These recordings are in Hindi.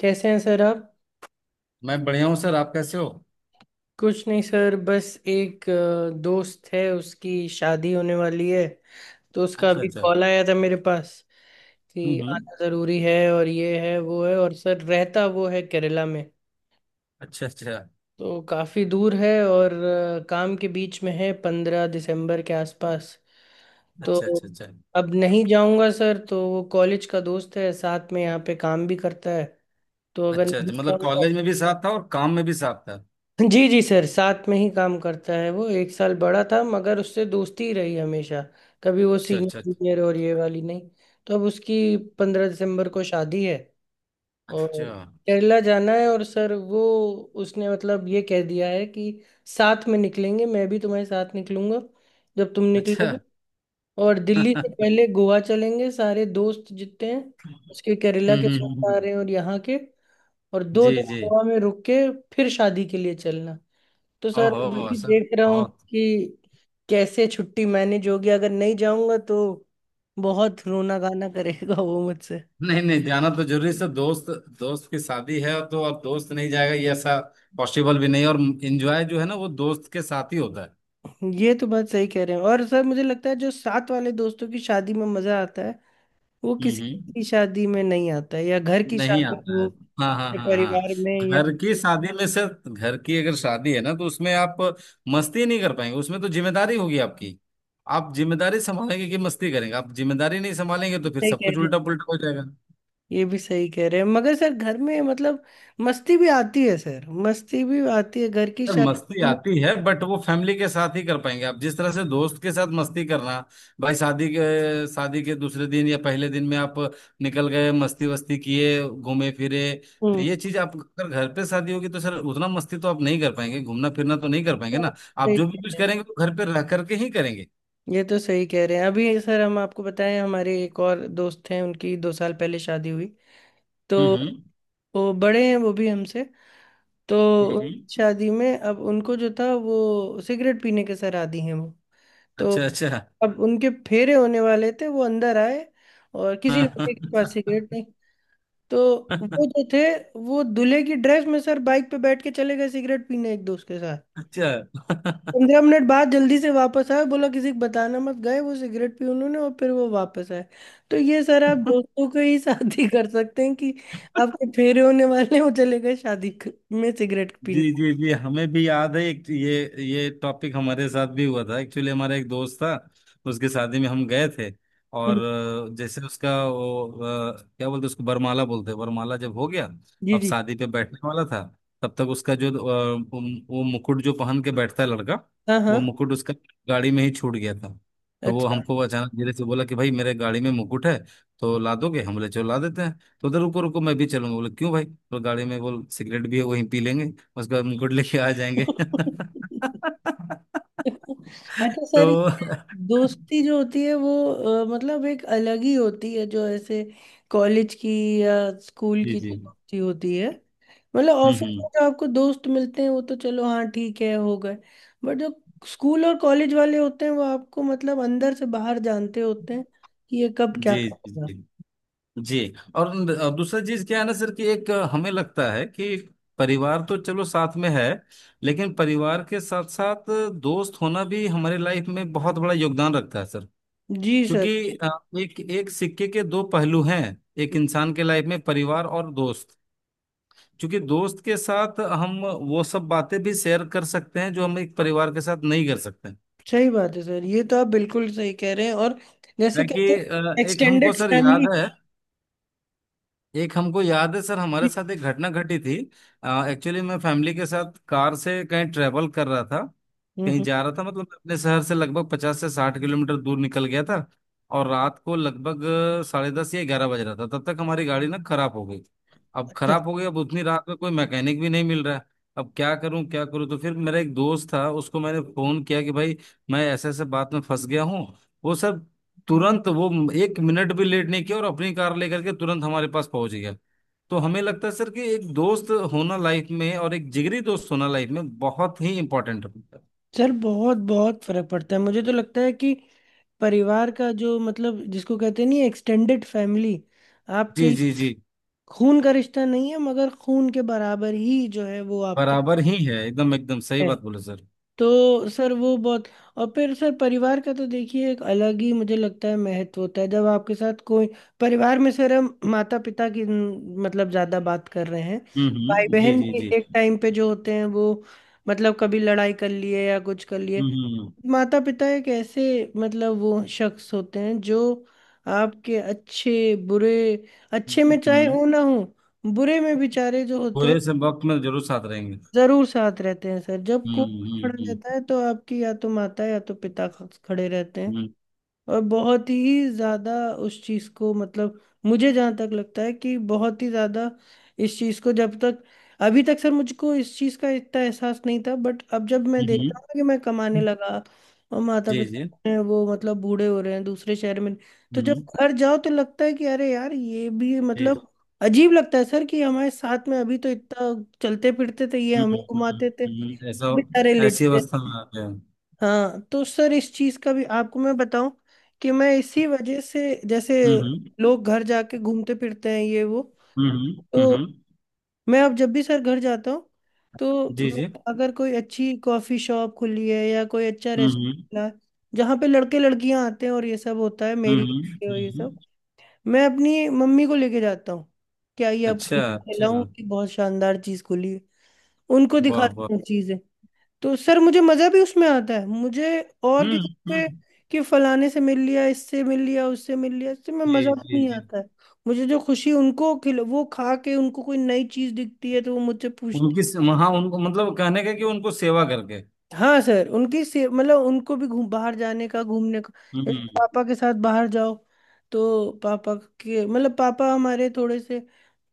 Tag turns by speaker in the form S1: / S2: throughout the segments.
S1: कैसे हैं सर आप?
S2: मैं बढ़िया हूँ सर। आप कैसे हो?
S1: कुछ नहीं सर, बस एक दोस्त है, उसकी शादी होने वाली है। तो उसका
S2: अच्छा,
S1: अभी
S2: अच्छा।
S1: कॉल आया था मेरे पास
S2: हम्म,
S1: कि
S2: हम्म।
S1: आना ज़रूरी है और ये है वो है, और सर रहता वो है केरला में।
S2: अच्छा अच्छा
S1: तो काफ़ी दूर है, और काम के बीच में है, 15 दिसंबर के आसपास। तो
S2: अच्छा, अच्छा, अच्छा।
S1: अब नहीं जाऊंगा सर। तो वो कॉलेज का दोस्त है, साथ में यहाँ पे काम भी करता है। तो अगर
S2: अच्छा,
S1: नहीं
S2: अच्छा। मतलब
S1: जाऊंगा।
S2: कॉलेज में भी साथ था और काम में भी साथ था।
S1: जी जी सर, साथ में ही काम करता है। वो 1 साल बड़ा था मगर उससे दोस्ती ही रही हमेशा, कभी वो
S2: अच्छा।
S1: सीनियर
S2: अच्छा।
S1: जूनियर और ये वाली नहीं। तो अब उसकी 15 दिसंबर को शादी है और
S2: अच्छा।
S1: केरला जाना है। और सर वो उसने मतलब ये कह दिया है कि साथ में निकलेंगे, मैं भी तुम्हारे साथ निकलूंगा जब तुम
S2: अच्छा।
S1: निकलोगे। और दिल्ली से
S2: हम्म,
S1: पहले गोवा चलेंगे सारे दोस्त जितने हैं, उसके केरला के दोस्त आ
S2: हम्म।
S1: रहे हैं और यहाँ के, और दो
S2: जी,
S1: दिन
S2: जी।
S1: गोवा में रुक के फिर शादी के लिए चलना। तो सर
S2: ओहो
S1: वही
S2: सर,
S1: देख रहा हूँ
S2: बहुत।
S1: कि कैसे छुट्टी मैनेज होगी, अगर नहीं जाऊंगा तो बहुत रोना गाना करेगा वो मुझसे।
S2: नहीं, नहीं, जाना तो जरूरी सर दोस्त। दोस्त की शादी है तो अब दोस्त नहीं जाएगा ये ऐसा पॉसिबल भी नहीं। और एंजॉय जो है ना वो दोस्त के साथ ही होता है।
S1: ये तो बात सही कह रहे हैं। और सर मुझे लगता है जो साथ वाले दोस्तों की शादी में मजा आता है वो
S2: हम्म,
S1: किसी
S2: हम्म।
S1: की शादी में नहीं आता है, या घर की
S2: नहीं
S1: शादी
S2: आता
S1: हो
S2: है। हाँ, हाँ,
S1: या
S2: हाँ, हाँ।
S1: परिवार में या
S2: घर की शादी में से। घर की अगर शादी है ना तो उसमें आप मस्ती नहीं कर पाएंगे, उसमें तो जिम्मेदारी होगी आपकी। आप जिम्मेदारी संभालेंगे कि मस्ती करेंगे? आप जिम्मेदारी नहीं संभालेंगे तो फिर
S1: सही
S2: सब
S1: कह
S2: कुछ
S1: रहे
S2: उल्टा
S1: हैं।
S2: पुल्टा हो जाएगा।
S1: ये भी सही कह रहे हैं मगर सर घर में मतलब मस्ती भी आती है सर, मस्ती भी आती है घर की
S2: सर मस्ती
S1: शादी में।
S2: आती है बट वो फैमिली के साथ ही कर पाएंगे। आप जिस तरह से दोस्त के साथ मस्ती करना भाई, शादी के दूसरे दिन या पहले दिन में आप निकल गए, मस्ती वस्ती किए, घूमे फिरे। तो
S1: हम्म,
S2: ये चीज आप अगर घर पे शादी होगी तो सर उतना मस्ती तो आप नहीं कर पाएंगे, घूमना फिरना तो नहीं कर पाएंगे ना। आप
S1: सही
S2: जो भी
S1: कह
S2: कुछ
S1: रहे हैं।
S2: करेंगे तो घर पे रह करके ही करेंगे।
S1: ये तो सही कह रहे हैं। अभी सर हम आपको बताएं, हमारे एक और दोस्त हैं, उनकी 2 साल पहले शादी हुई। तो
S2: हम्म, हम्म,
S1: वो बड़े हैं वो भी हमसे। तो
S2: हम्म,
S1: उनकी शादी में अब उनको जो था वो सिगरेट पीने के सर आदी हैं वो। तो
S2: अच्छा, अच्छा।
S1: अब उनके फेरे होने वाले थे, वो अंदर आए और किसी
S2: हाँ।
S1: लड़के के पास सिगरेट नहीं। तो वो जो थे, वो दूल्हे की ड्रेस में सर बाइक पे बैठ के चले गए सिगरेट पीने एक दोस्त के साथ।
S2: अच्छा।
S1: 15 मिनट बाद जल्दी से वापस आए, बोला किसी को बताना मत, गए वो सिगरेट पी उन्होंने और फिर वो वापस आए। तो ये सर आप दोस्तों के ही साथ ही कर सकते हैं कि आपके फेरे होने वाले हैं, वो चले गए शादी में सिगरेट
S2: जी,
S1: पीने।
S2: जी, जी। हमें भी याद है एक ये टॉपिक हमारे साथ भी हुआ था एक्चुअली। हमारा एक दोस्त था, उसकी शादी में हम गए थे। और
S1: हम्म,
S2: जैसे उसका वो क्या बोलते उसको बरमाला बोलते हैं, बरमाला जब हो गया,
S1: जी
S2: अब
S1: जी।
S2: शादी पे बैठने वाला था। तब तक उसका जो वो मुकुट जो पहन के बैठता है लड़का,
S1: हाँ
S2: वो
S1: हाँ।
S2: मुकुट उसका गाड़ी में ही छूट गया था। तो वो
S1: अच्छा
S2: हमको अचानक धीरे से बोला कि भाई मेरे गाड़ी में मुकुट है, तो ला दोगे? हम बोले चलो ला देते हैं। तो उधर रुको रुको, मैं भी चलूंगा, बोले क्यों भाई, तो गाड़ी में बोल सिगरेट भी है वहीं पी लेंगे, उसको हम गुड लेके आ जाएंगे।
S1: अच्छा
S2: तो
S1: सर ये दोस्ती जो होती है वो मतलब एक अलग ही होती है, जो ऐसे कॉलेज की या स्कूल
S2: जी,
S1: की जो
S2: जी।
S1: दोस्ती होती है। मतलब
S2: हम्म,
S1: ऑफिस में
S2: हम्म।
S1: जो आपको दोस्त मिलते हैं वो तो चलो हाँ ठीक है हो गए। बट जो स्कूल और कॉलेज वाले होते हैं वो आपको मतलब अंदर से बाहर जानते होते हैं कि ये कब क्या
S2: जी, जी,
S1: करेगा।
S2: जी, जी। और दूसरा चीज क्या है ना सर, कि एक हमें लगता है कि परिवार तो चलो साथ में है, लेकिन परिवार के साथ साथ दोस्त होना भी हमारे लाइफ में बहुत बड़ा योगदान रखता है सर।
S1: जी सर।
S2: क्योंकि अ, एक एक सिक्के के दो पहलू हैं, एक इंसान के लाइफ में परिवार और दोस्त। क्योंकि दोस्त के साथ हम वो सब बातें भी शेयर कर सकते हैं जो हम एक परिवार के साथ नहीं कर सकते हैं।
S1: सही बात है सर, ये तो आप बिल्कुल सही कह रहे हैं और जैसे
S2: है कि
S1: कहते हैं
S2: एक हमको
S1: एक्सटेंडेड
S2: सर याद
S1: फैमिली।
S2: है, एक हमको याद है सर हमारे साथ एक घटना घटी थी। एक्चुअली मैं फैमिली के साथ कार से कहीं ट्रेवल कर रहा था,
S1: हम्म,
S2: कहीं जा रहा था। मतलब मैं अपने शहर से लगभग 50 से 60 किलोमीटर दूर निकल गया था। और रात को लगभग 10:30 या 11 बज रहा था, तब तक हमारी गाड़ी ना खराब हो गई। अब खराब हो गई, अब उतनी रात में कोई मैकेनिक भी नहीं मिल रहा है। अब क्या करूं क्या करूं। तो फिर मेरा एक दोस्त था, उसको मैंने फोन किया कि भाई मैं ऐसे ऐसे बात में फंस गया हूं। वो सर तुरंत वो 1 मिनट भी लेट नहीं किया और अपनी कार लेकर के तुरंत हमारे पास पहुंच गया। तो हमें लगता है सर कि एक दोस्त होना लाइफ में और एक जिगरी दोस्त होना लाइफ में बहुत ही इम्पोर्टेंट है।
S1: सर बहुत बहुत फर्क पड़ता है। मुझे तो लगता है कि परिवार का जो मतलब जिसको कहते नहीं, एक्सटेंडेड फैमिली,
S2: जी,
S1: आपके
S2: जी, जी।
S1: खून का रिश्ता नहीं है मगर खून के बराबर ही जो है वो आपका
S2: बराबर ही है, एकदम एकदम सही
S1: है।
S2: बात बोले सर।
S1: तो सर वो बहुत। और फिर सर परिवार का तो देखिए एक अलग ही मुझे लगता है महत्व होता है जब आपके साथ कोई परिवार में। सर हम माता पिता की न, मतलब ज्यादा बात कर रहे हैं।
S2: हम्म,
S1: भाई
S2: हम्म। जी,
S1: बहन
S2: जी,
S1: भी
S2: जी।
S1: एक टाइम पे जो होते हैं वो, मतलब कभी लड़ाई कर लिए या कुछ कर लिए।
S2: हम्म, हम्म,
S1: माता पिता एक ऐसे, मतलब वो शख्स होते हैं जो आपके अच्छे बुरे,
S2: हम्म,
S1: अच्छे में
S2: हम्म,
S1: चाहे
S2: हम्म।
S1: हो ना हो, बुरे में बेचारे जो होते हैं
S2: पूरे से वक्त में जरूर साथ रहेंगे।
S1: जरूर साथ रहते हैं सर। जब
S2: हम्म,
S1: कोई
S2: हम्म,
S1: खड़ा रहता
S2: हम्म,
S1: है तो आपकी या तो माता या तो पिता खड़े रहते हैं।
S2: हम्म,
S1: और बहुत ही ज़्यादा उस चीज़ को मतलब, मुझे जहाँ तक लगता है कि बहुत ही ज़्यादा इस चीज़ को जब तक, अभी तक सर मुझको इस चीज़ का इतना एहसास नहीं था, बट अब जब मैं
S2: हम्म, हम्म,
S1: देखता
S2: हम्म।
S1: हूँ कि मैं कमाने लगा और माता
S2: जी, जी।
S1: पिता
S2: हम्म,
S1: ने वो मतलब बूढ़े हो रहे हैं दूसरे शहर में, तो जब
S2: हम्म।
S1: घर जाओ तो लगता है कि अरे यार ये भी
S2: जी।
S1: मतलब अजीब लगता है सर कि हमारे साथ में अभी तो इतना चलते फिरते थे, ये
S2: हम्म,
S1: हमें घुमाते थे, अब बेचारे
S2: ऐसा, ऐसी
S1: लेटते
S2: अवस्था में
S1: हैं।
S2: आते हैं।
S1: हाँ तो सर इस चीज का भी आपको मैं बताऊं कि मैं इसी वजह से, जैसे
S2: हम्म, हम्म,
S1: लोग घर जाके घूमते फिरते हैं ये वो,
S2: हम्म, हम्म,
S1: तो मैं अब जब भी सर घर जाता हूँ तो
S2: जी, जी।
S1: मैं अगर कोई अच्छी कॉफी शॉप खुली है या कोई अच्छा
S2: हम्म,
S1: रेस्टोरेंट है जहाँ पे लड़के लड़कियां आते हैं और ये सब होता है मेरी,
S2: हम्म, हम्म,
S1: और ये
S2: हम्म,
S1: सब
S2: हम्म।
S1: मैं अपनी मम्मी को लेके जाता हूँ। क्या ये
S2: अच्छा,
S1: आपको दिखाऊं
S2: अच्छा।
S1: कि बहुत शानदार चीज खुली है, उनको
S2: वाह, वाह।
S1: दिखाता हूँ। तो सर मुझे मजा भी उसमें आता है, मुझे और
S2: हम्म,
S1: किसी पे
S2: हम्म।
S1: कि फलाने से मिल लिया, इससे मिल लिया, उससे मिल लिया इससे मैं
S2: जी,
S1: मजा भी
S2: जी,
S1: नहीं
S2: जी।
S1: आता है। मुझे जो खुशी उनको खिल वो खा के उनको कोई नई चीज दिखती है तो वो मुझसे पूछती।
S2: उनकी वहाँ उनको मतलब कहने का कि उनको सेवा करके।
S1: हाँ सर उनकी से मतलब उनको भी घूम बाहर जाने का घूमने का। जैसे
S2: हम्म।
S1: पापा के साथ बाहर जाओ तो पापा के मतलब, पापा हमारे थोड़े से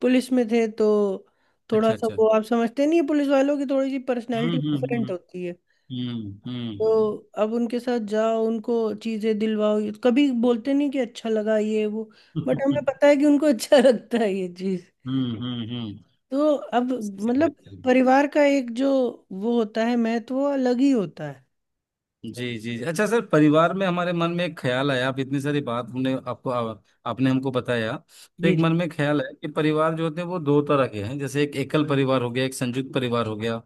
S1: पुलिस में थे, तो थोड़ा
S2: अच्छा,
S1: सा
S2: अच्छा।
S1: वो आप समझते नहीं है, पुलिस वालों की थोड़ी सी पर्सनैलिटी
S2: हम्म, हम्म,
S1: डिफरेंट होती है।
S2: हम्म। हम्म, हम्म।
S1: तो अब उनके साथ जाओ उनको चीजें दिलवाओ, कभी बोलते नहीं कि अच्छा लगा ये वो, बट हमें पता है कि उनको अच्छा लगता है ये चीज।
S2: हम्म, हम्म,
S1: तो अब मतलब
S2: हम्म।
S1: परिवार का एक जो वो होता है महत्व वो अलग ही होता है।
S2: जी, जी, जी। अच्छा सर, परिवार में हमारे मन में एक ख्याल आया, आप इतनी सारी बात हमने आपको आपने हमको बताया, तो
S1: जी
S2: एक
S1: जी।
S2: मन में ख्याल है कि परिवार जो होते हैं वो दो तरह के हैं। जैसे एक एकल परिवार हो गया, एक संयुक्त परिवार हो गया।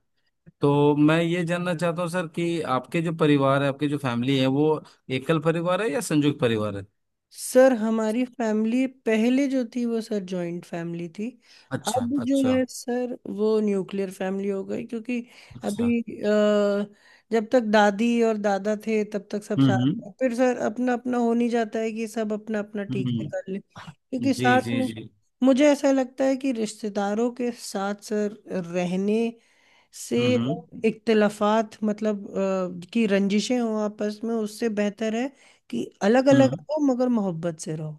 S2: तो मैं ये जानना चाहता हूँ सर कि आपके जो परिवार है, आपके जो फैमिली है, वो एकल परिवार है या संयुक्त परिवार है?
S1: सर हमारी फैमिली पहले जो थी वो सर जॉइंट फैमिली थी।
S2: अच्छा,
S1: अब जो
S2: अच्छा,
S1: है सर वो न्यूक्लियर फैमिली हो गई, क्योंकि
S2: अच्छा।
S1: अभी जब तक दादी और दादा थे तब तक सब साथ
S2: हम्म,
S1: थे। फिर सर अपना अपना हो नहीं जाता है कि सब अपना अपना ठीक से
S2: हम्म,
S1: कर ले
S2: हम्म।
S1: क्योंकि
S2: जी,
S1: साथ
S2: जी,
S1: में
S2: जी।
S1: मुझे ऐसा लगता है कि रिश्तेदारों के साथ सर रहने से
S2: हम्म,
S1: इख्तलाफात मतलब की रंजिशें हों आपस में, उससे बेहतर है कि अलग अलग
S2: हम्म,
S1: रहो मगर मोहब्बत से रहो।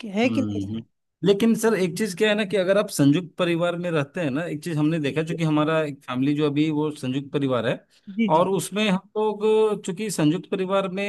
S1: कि है कि नहीं
S2: हम्म।
S1: सर।
S2: लेकिन सर एक चीज क्या है ना, कि अगर आप संयुक्त परिवार में रहते हैं ना, एक चीज हमने देखा। चूंकि हमारा एक फैमिली जो अभी वो संयुक्त परिवार है,
S1: जी जी।
S2: और उसमें हम लोग, चूंकि संयुक्त परिवार में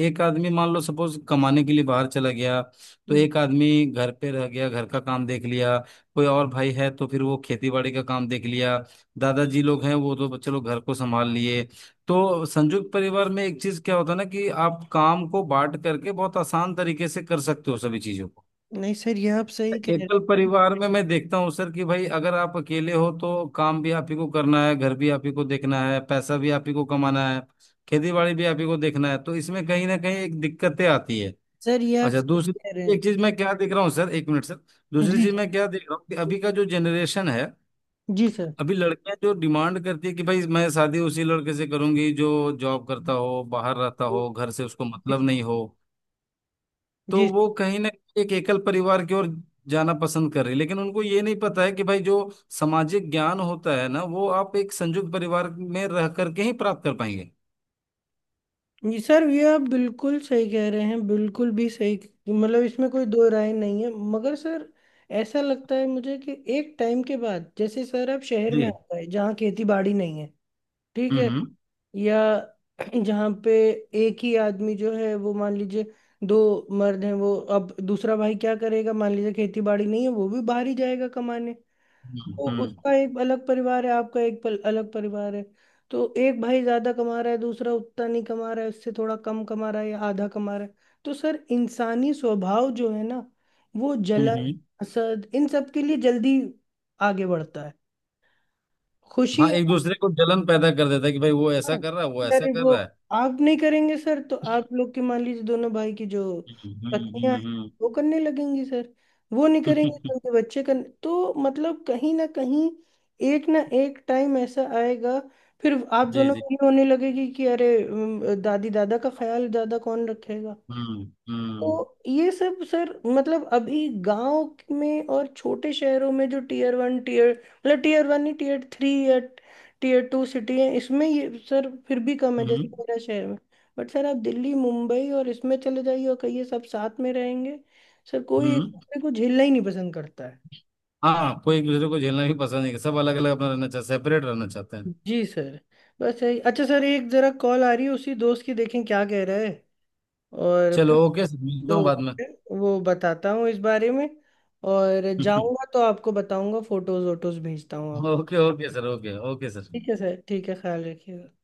S2: एक आदमी मान लो सपोज कमाने के लिए बाहर चला गया, तो
S1: हम्म,
S2: एक आदमी घर पे रह गया, घर का काम देख लिया। कोई और भाई है तो फिर वो खेती बाड़ी का काम देख लिया। दादाजी लोग हैं, वो तो चलो घर को संभाल लिए। तो संयुक्त परिवार में एक चीज क्या होता है ना, कि आप काम को बांट करके बहुत आसान तरीके से कर सकते हो सभी चीजों को।
S1: नहीं सर ये आप सही कह रहे हैं।
S2: एकल परिवार में मैं देखता हूँ सर कि भाई, अगर आप अकेले हो तो काम भी आप ही को करना है, घर भी आप ही को देखना है, पैसा भी आप ही को कमाना है, खेती बाड़ी भी आप ही को देखना है। तो इसमें कहीं ना कहीं एक दिक्कतें आती है।
S1: सर ये आप
S2: अच्छा,
S1: सही
S2: दूसरी
S1: कह रहे हैं।
S2: एक चीज मैं क्या देख रहा हूँ सर, 1 मिनट सर। दूसरी
S1: जी
S2: चीज
S1: सर।
S2: मैं क्या देख रहा हूँ कि अभी का जो जनरेशन है,
S1: जी सर।
S2: अभी लड़कियां जो डिमांड करती है कि भाई मैं शादी उसी लड़के से करूंगी जो जॉब करता हो, बाहर रहता
S1: जी
S2: हो, घर से उसको मतलब
S1: सर।
S2: नहीं हो। तो
S1: जी सर।
S2: वो कहीं ना कहीं एक एकल परिवार की ओर जाना पसंद कर रही है। लेकिन उनको ये नहीं पता है कि भाई, जो सामाजिक ज्ञान होता है ना, वो आप एक संयुक्त परिवार में रह करके ही प्राप्त कर पाएंगे।
S1: जी सर, ये आप बिल्कुल सही कह रहे हैं, बिल्कुल भी सही। मतलब इसमें कोई दो राय नहीं है मगर सर ऐसा लगता है मुझे कि एक टाइम के बाद जैसे सर आप शहर में आ
S2: जी।
S1: गए जहाँ खेती बाड़ी नहीं है, ठीक
S2: हम्म,
S1: है,
S2: हम्म,
S1: या जहाँ पे एक ही आदमी जो है वो मान लीजिए दो मर्द हैं, वो अब दूसरा भाई क्या करेगा, मान लीजिए खेती बाड़ी नहीं है वो भी बाहर ही जाएगा कमाने। तो
S2: हम्म,
S1: उसका एक अलग परिवार है, आपका एक अलग परिवार है। तो एक भाई ज्यादा कमा रहा है, दूसरा उतना नहीं कमा रहा है, उससे थोड़ा कम कमा रहा है या आधा कमा रहा है। तो सर इंसानी स्वभाव जो है ना, वो
S2: हम्म,
S1: जलन हसद इन सब के लिए जल्दी आगे बढ़ता है, खुशी।
S2: हाँ, एक दूसरे को जलन पैदा कर देता है कि भाई, वो ऐसा
S1: हाँ,
S2: कर रहा है, वो ऐसा
S1: अरे
S2: कर
S1: वो
S2: रहा है।
S1: आप नहीं करेंगे सर तो आप लोग के मान लीजिए दोनों भाई की जो
S2: हम्म, हम्म,
S1: पत्नियां हैं,
S2: हम्म।
S1: वो करने लगेंगी सर। वो नहीं करेंगे
S2: हम्म।
S1: तो उनके बच्चे कर, तो मतलब कहीं ना कहीं एक ना एक टाइम ऐसा आएगा, फिर आप
S2: जी,
S1: दोनों
S2: जी।
S1: में ये होने लगेगी कि अरे दादी दादा का ख्याल ज्यादा कौन रखेगा।
S2: हम्म, हम्म,
S1: तो ये सब सर मतलब अभी गांव में और छोटे शहरों में जो टीयर 1 टीयर मतलब टीयर 1 ही टीयर 3 या टीयर 2 सिटी है इसमें ये सर फिर भी कम है जैसे
S2: हम्म,
S1: मेरा शहर में। बट सर आप दिल्ली मुंबई और इसमें चले जाइए और कहिए सब साथ में रहेंगे, सर कोई एक
S2: हम्म।
S1: दूसरे को झेलना ही नहीं पसंद करता है।
S2: हाँ, कोई एक दूसरे को झेलना भी पसंद नहीं है, सब अलग अलग अपना रहना चाहते, सेपरेट रहना चाहते हैं।
S1: जी सर। बस यही। अच्छा सर एक जरा कॉल आ रही है उसी दोस्त की, देखें क्या कह रहा है और फिर
S2: चलो ओके, मिलता हूँ
S1: तो
S2: बाद
S1: वो बताता हूँ इस बारे में। और
S2: में।
S1: जाऊंगा तो आपको बताऊंगा, फोटोज वोटोज भेजता हूँ आप।
S2: Okay, okay sir. Okay, okay sir.
S1: ठीक है सर, ठीक है, ख्याल रखिएगा।